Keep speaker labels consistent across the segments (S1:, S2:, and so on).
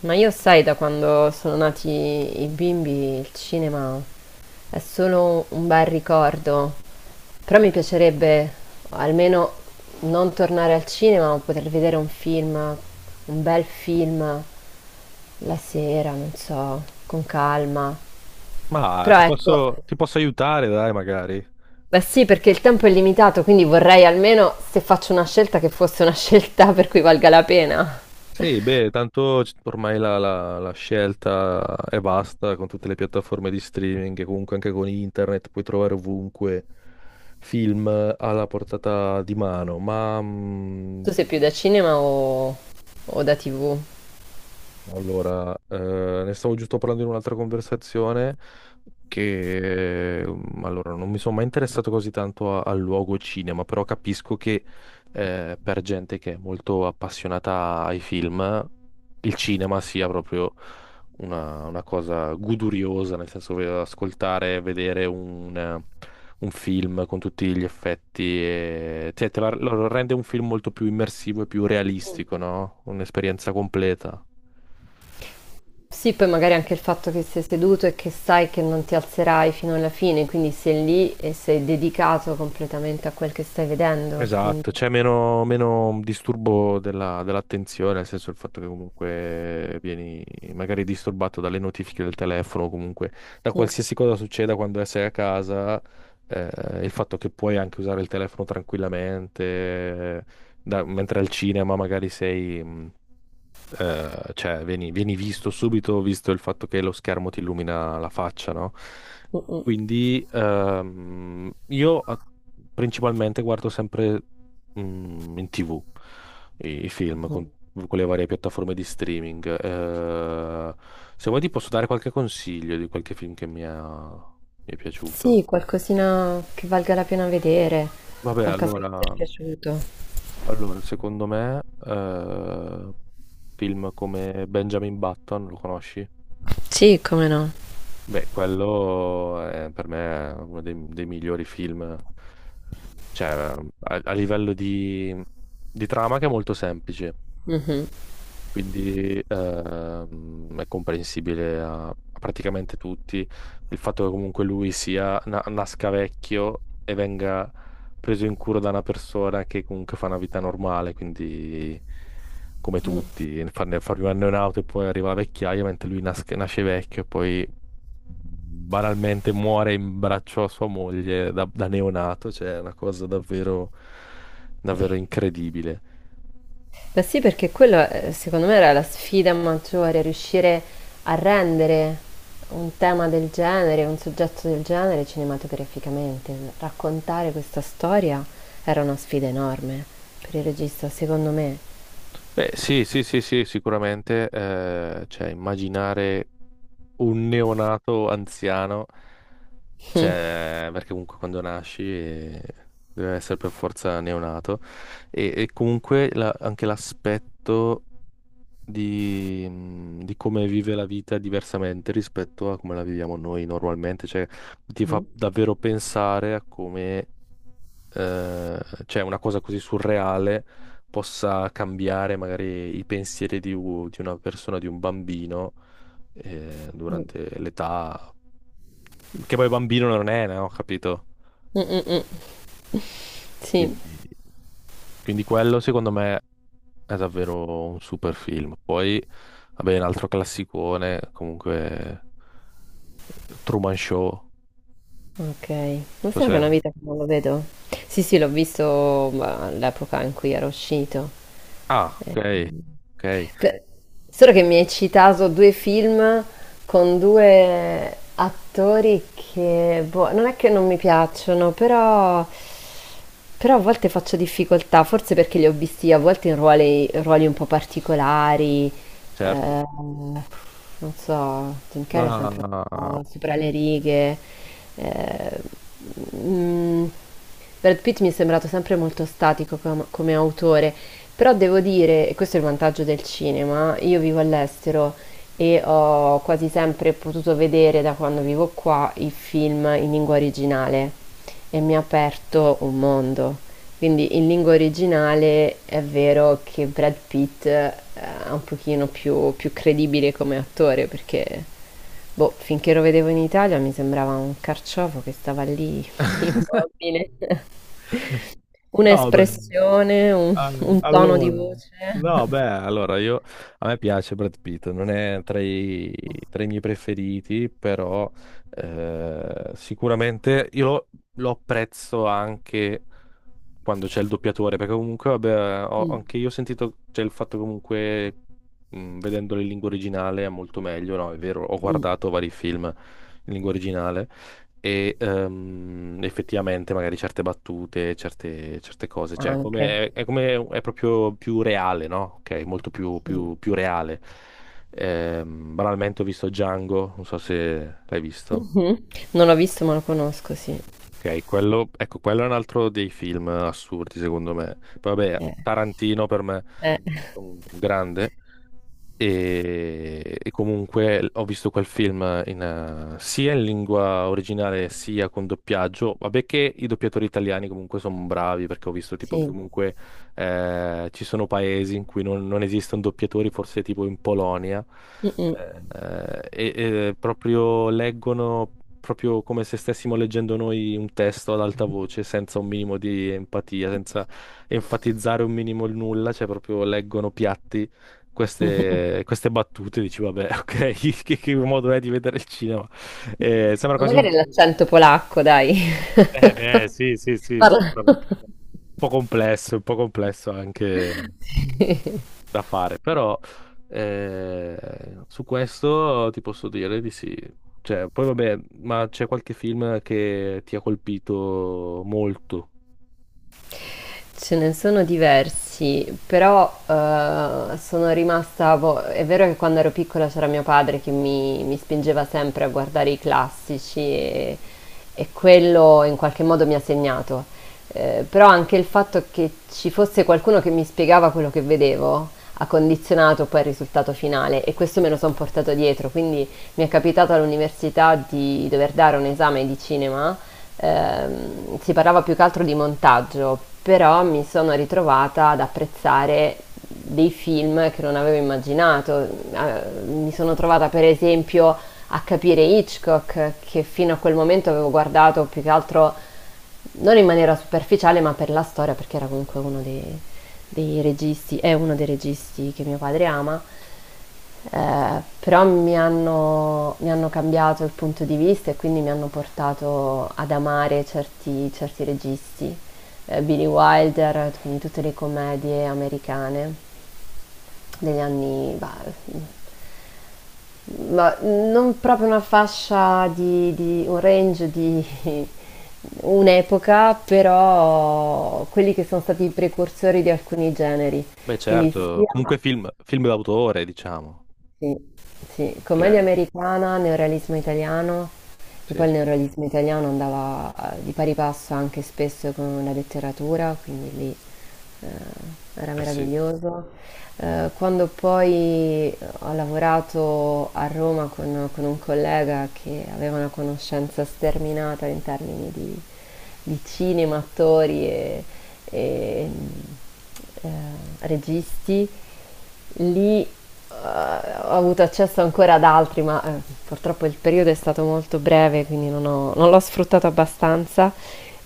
S1: Ma io sai, da quando sono nati i bimbi, il cinema è solo un bel ricordo. Però mi piacerebbe almeno non tornare al cinema, ma poter vedere un film, un bel film la sera, non so, con calma.
S2: Ma
S1: Però
S2: ti
S1: ecco,
S2: posso, ti posso aiutare, dai, magari.
S1: beh sì, perché il tempo è limitato, quindi vorrei almeno se faccio una scelta che fosse una scelta per cui valga la pena.
S2: Sì, beh, tanto ormai la scelta è vasta con tutte le piattaforme di streaming e comunque anche con internet puoi trovare ovunque film alla portata di mano. Ma mhmm.
S1: Tu sei più da cinema o da TV?
S2: Allora, eh, Ne stavo giusto parlando in un'altra conversazione che non mi sono mai interessato così tanto al luogo cinema, però capisco che per gente che è molto appassionata ai film, il cinema sia proprio una cosa goduriosa, nel senso ascoltare, vedere un film con tutti gli effetti, e, cioè, lo rende un film molto più immersivo e più realistico, no? Un'esperienza completa.
S1: Sì, poi magari anche il fatto che sei seduto e che sai che non ti alzerai fino alla fine, quindi sei lì e sei dedicato completamente a quel che stai vedendo, quindi
S2: Esatto, c'è meno disturbo dell'attenzione, nel senso il fatto che comunque vieni magari disturbato dalle notifiche del telefono, o comunque da
S1: mm,
S2: qualsiasi cosa succeda quando sei a casa, eh, il fatto che puoi anche usare il telefono tranquillamente, mentre al cinema magari sei, cioè vieni visto subito, visto il fatto che lo schermo ti illumina la faccia, no?
S1: mm, mm.
S2: Quindi principalmente guardo sempre in TV i film
S1: Mhm.
S2: con le varie piattaforme di streaming. Se vuoi ti posso dare qualche consiglio di qualche film che mi è
S1: Sì,
S2: piaciuto.
S1: qualcosina che valga la pena vedere,
S2: Vabbè,
S1: qualcosa
S2: allora,
S1: che ti è piaciuto.
S2: allora, secondo me, film come Benjamin Button, lo conosci?
S1: Sì, come no.
S2: Beh, quello è per me è uno dei migliori film, cioè a livello di trama che è molto semplice,
S1: Mhm.
S2: quindi è comprensibile a praticamente tutti. Il fatto che comunque lui sia, nasca vecchio e venga preso in cura da una persona che comunque fa una vita normale, quindi come tutti, farne un anno in auto e poi arriva la vecchiaia, mentre lui nasce vecchio e poi banalmente muore in braccio a sua moglie da neonato, cioè è una cosa davvero incredibile.
S1: Beh sì, perché quello secondo me era la sfida maggiore, riuscire a rendere un tema del genere, un soggetto del genere cinematograficamente. Raccontare questa storia era una sfida enorme per il regista, secondo me.
S2: Beh, sì, sicuramente, cioè, immaginare un neonato anziano, cioè, perché comunque quando nasci deve essere per forza neonato, e comunque anche l'aspetto di come vive la vita diversamente rispetto a come la viviamo noi normalmente, cioè ti fa
S1: Mm,
S2: davvero pensare a come eh, cioè una cosa così surreale possa cambiare magari i pensieri di una persona, di un bambino
S1: mm,
S2: durante l'età, che poi bambino non è, no? Capito?
S1: mm, mm. Sì,
S2: Quindi, quindi, quello secondo me è davvero un super film. Poi, vabbè, un altro classicone, comunque Truman Show.
S1: ok. Non so, che è
S2: Cos'è?
S1: una vita che non lo vedo. Sì, sì, l'ho visto ma, all'epoca in cui era uscito.
S2: Ah, ok, ok,
S1: Per- Solo che mi hai citato due film con due attori che, boh, non è che non mi piacciono, però, però a volte faccio difficoltà, forse perché li ho visti a volte in ruoli, ruoli un po' particolari,
S2: certo.
S1: eh, non so, Jim
S2: Ma
S1: Carrey è sempre oh, sopra le righe. eh, mm, Brad Pitt mi è sembrato sempre molto statico come autore, però devo dire, e questo è il vantaggio del cinema, io vivo all'estero e ho quasi sempre potuto vedere da quando vivo qua i film in lingua originale e mi ha aperto un mondo. Quindi in lingua originale è vero che Brad Pitt è un pochino più, più credibile come attore perché, boh, finché lo vedevo in Italia mi sembrava un carciofo che stava lì immobile.
S2: no, beh,
S1: Un'espressione, un tono di
S2: allora,
S1: voce.
S2: no, beh, allora io a me piace Brad Pitt, non è tra tra i miei preferiti, però sicuramente lo apprezzo anche quando c'è il doppiatore, perché comunque, vabbè,
S1: Mm,
S2: anche io ho sentito, c'è il fatto comunque, vedendolo in lingua originale è molto meglio, no? È vero, ho
S1: mm,
S2: guardato vari film in lingua originale e effettivamente magari certe battute, certe cose, cioè
S1: anche.
S2: come, è come, è proprio più reale, no? Ok, molto
S1: Sì.
S2: più reale. Banalmente ho visto Django, non so se l'hai visto.
S1: Mhm. Non l'ho visto ma lo conosco, sì.
S2: Ok, quello, ecco, quello è un altro dei film assurdi, secondo me. Poi vabbè,
S1: Eh,
S2: Tarantino per me
S1: eh,
S2: è un grande. E comunque ho visto quel film sia in lingua originale sia con doppiaggio. Vabbè che i doppiatori italiani comunque sono bravi perché ho visto tipo che
S1: sì.
S2: comunque ci sono paesi in cui non esistono doppiatori, forse tipo in Polonia,
S1: Mm,
S2: eh, e proprio leggono proprio come se stessimo leggendo noi un testo ad alta voce, senza un minimo di empatia, senza enfatizzare un minimo il nulla, cioè proprio leggono piatti
S1: mm.
S2: queste battute, dici, vabbè, ok, che modo è di vedere il cinema? Sembra
S1: Ma
S2: quasi un...
S1: magari è l'accento polacco, dai.
S2: Beh, sì,
S1: Parla.
S2: sicuramente. Un po' complesso anche
S1: Sì.
S2: da fare, però su questo ti posso dire di sì. Cioè, poi vabbè, ma c'è qualche film che ti ha colpito molto?
S1: Ce ne sono diversi, però sono rimasta... boh, è vero che quando ero piccola c'era mio padre che mi spingeva sempre a guardare i classici e quello in qualche modo mi ha segnato. Però anche il fatto che ci fosse qualcuno che mi spiegava quello che vedevo ha condizionato poi il risultato finale e questo me lo sono portato dietro. Quindi mi è capitato all'università di dover dare un esame di cinema, si parlava più che altro di montaggio, però mi sono ritrovata ad apprezzare dei film che non avevo immaginato. Mi sono trovata per esempio a capire Hitchcock, che fino a quel momento avevo guardato più che altro non in maniera superficiale, ma per la storia, perché era comunque uno dei registi che mio padre ama, però mi hanno cambiato il punto di vista e quindi mi hanno portato ad amare certi certi registi, Billy Wilder, quindi tutte le commedie americane degli anni, bah, mhmm, ma non proprio una fascia di un range di un'epoca, però quelli che sono stati i precursori di alcuni generi.
S2: Beh,
S1: Quindi
S2: certo,
S1: sia
S2: comunque film d'autore, diciamo.
S1: sì, sì, commedia
S2: Ok,
S1: americana, neorealismo italiano, e poi
S2: sì.
S1: il neorealismo italiano andava di pari passo anche spesso con la letteratura, quindi lì, era
S2: Eh sì,
S1: meraviglioso. Quando poi ho lavorato a Roma con un collega che aveva una conoscenza sterminata in termini di cinema, attori e, eh, registi. Lì ho avuto accesso ancora ad altri, ma purtroppo il periodo è stato molto breve, quindi non l'ho sfruttato abbastanza.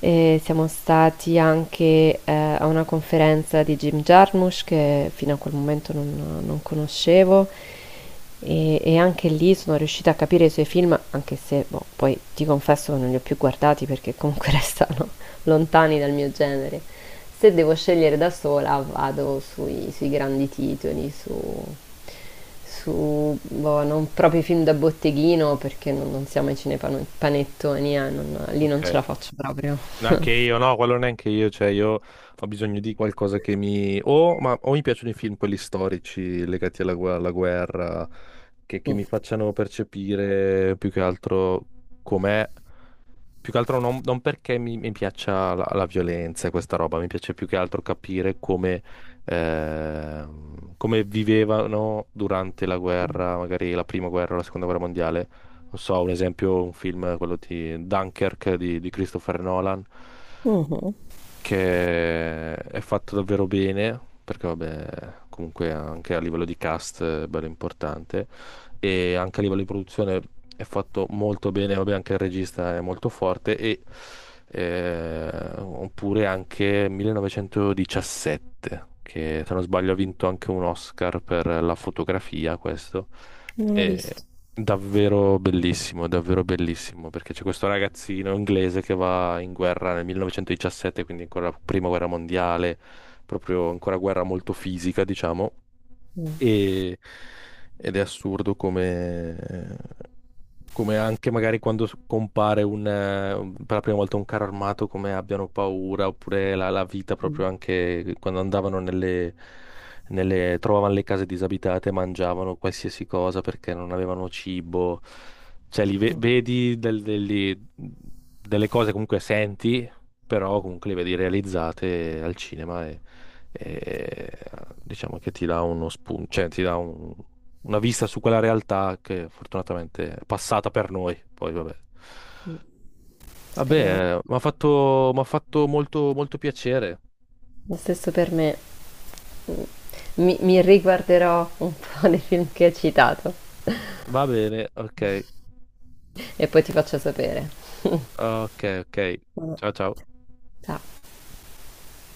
S1: E siamo stati anche, a una conferenza di Jim Jarmusch che fino a quel momento non conoscevo e anche lì sono riuscita a capire i suoi film, anche se, boh, poi ti confesso che non li ho più guardati perché comunque restano lontani dal mio genere. Se devo scegliere da sola vado sui grandi titoli, su boh, non proprio i film da botteghino perché non siamo ai cinepanon panettoni, non lì
S2: ok.
S1: non ce la faccio proprio.
S2: Neanche io, no, quello neanche io, cioè io ho bisogno di qualcosa che mi... O, ma, o mi piacciono i film, quelli storici legati alla, alla guerra, che
S1: Mm.
S2: mi facciano percepire più che altro com'è, più che altro non perché mi piaccia la violenza e questa roba, mi piace più che altro capire come, come vivevano durante la guerra, magari la prima guerra, o la seconda guerra mondiale. Non so, un esempio, un film, quello di Dunkirk di Christopher Nolan
S1: Mhm.
S2: che è fatto davvero bene, perché vabbè, comunque anche a livello di cast è bello importante, e anche a livello di produzione è fatto molto bene, vabbè, anche il regista è molto forte, e oppure anche 1917, che se non sbaglio ha vinto anche un Oscar per la fotografia, questo.
S1: Non ho
S2: E
S1: visto.
S2: davvero bellissimo, davvero bellissimo, perché c'è questo ragazzino inglese che va in guerra nel 1917, quindi ancora prima guerra mondiale, proprio ancora guerra molto fisica, diciamo,
S1: Mm.
S2: e- ed è assurdo come, come anche magari quando compare un, per la prima volta un carro armato, come abbiano paura, oppure la vita
S1: Mm,
S2: proprio anche quando andavano nelle, trovavano le case disabitate, mangiavano qualsiasi cosa perché non avevano cibo. Cioè,
S1: mm.
S2: vedi delle cose comunque senti, però comunque le vedi realizzate al cinema e, diciamo che ti dà uno spunto, cioè ti dà una vista su quella realtà che fortunatamente è passata per noi. Poi vabbè.
S1: Speriamo.
S2: Vabbè, m'ha fatto molto piacere.
S1: Lo stesso per me. Mm, mi riguarderò un po' dei film che hai citato
S2: Va bene,
S1: e poi ti faccio sapere.
S2: ok.
S1: Ma-
S2: Ciao ciao.
S1: Ciao.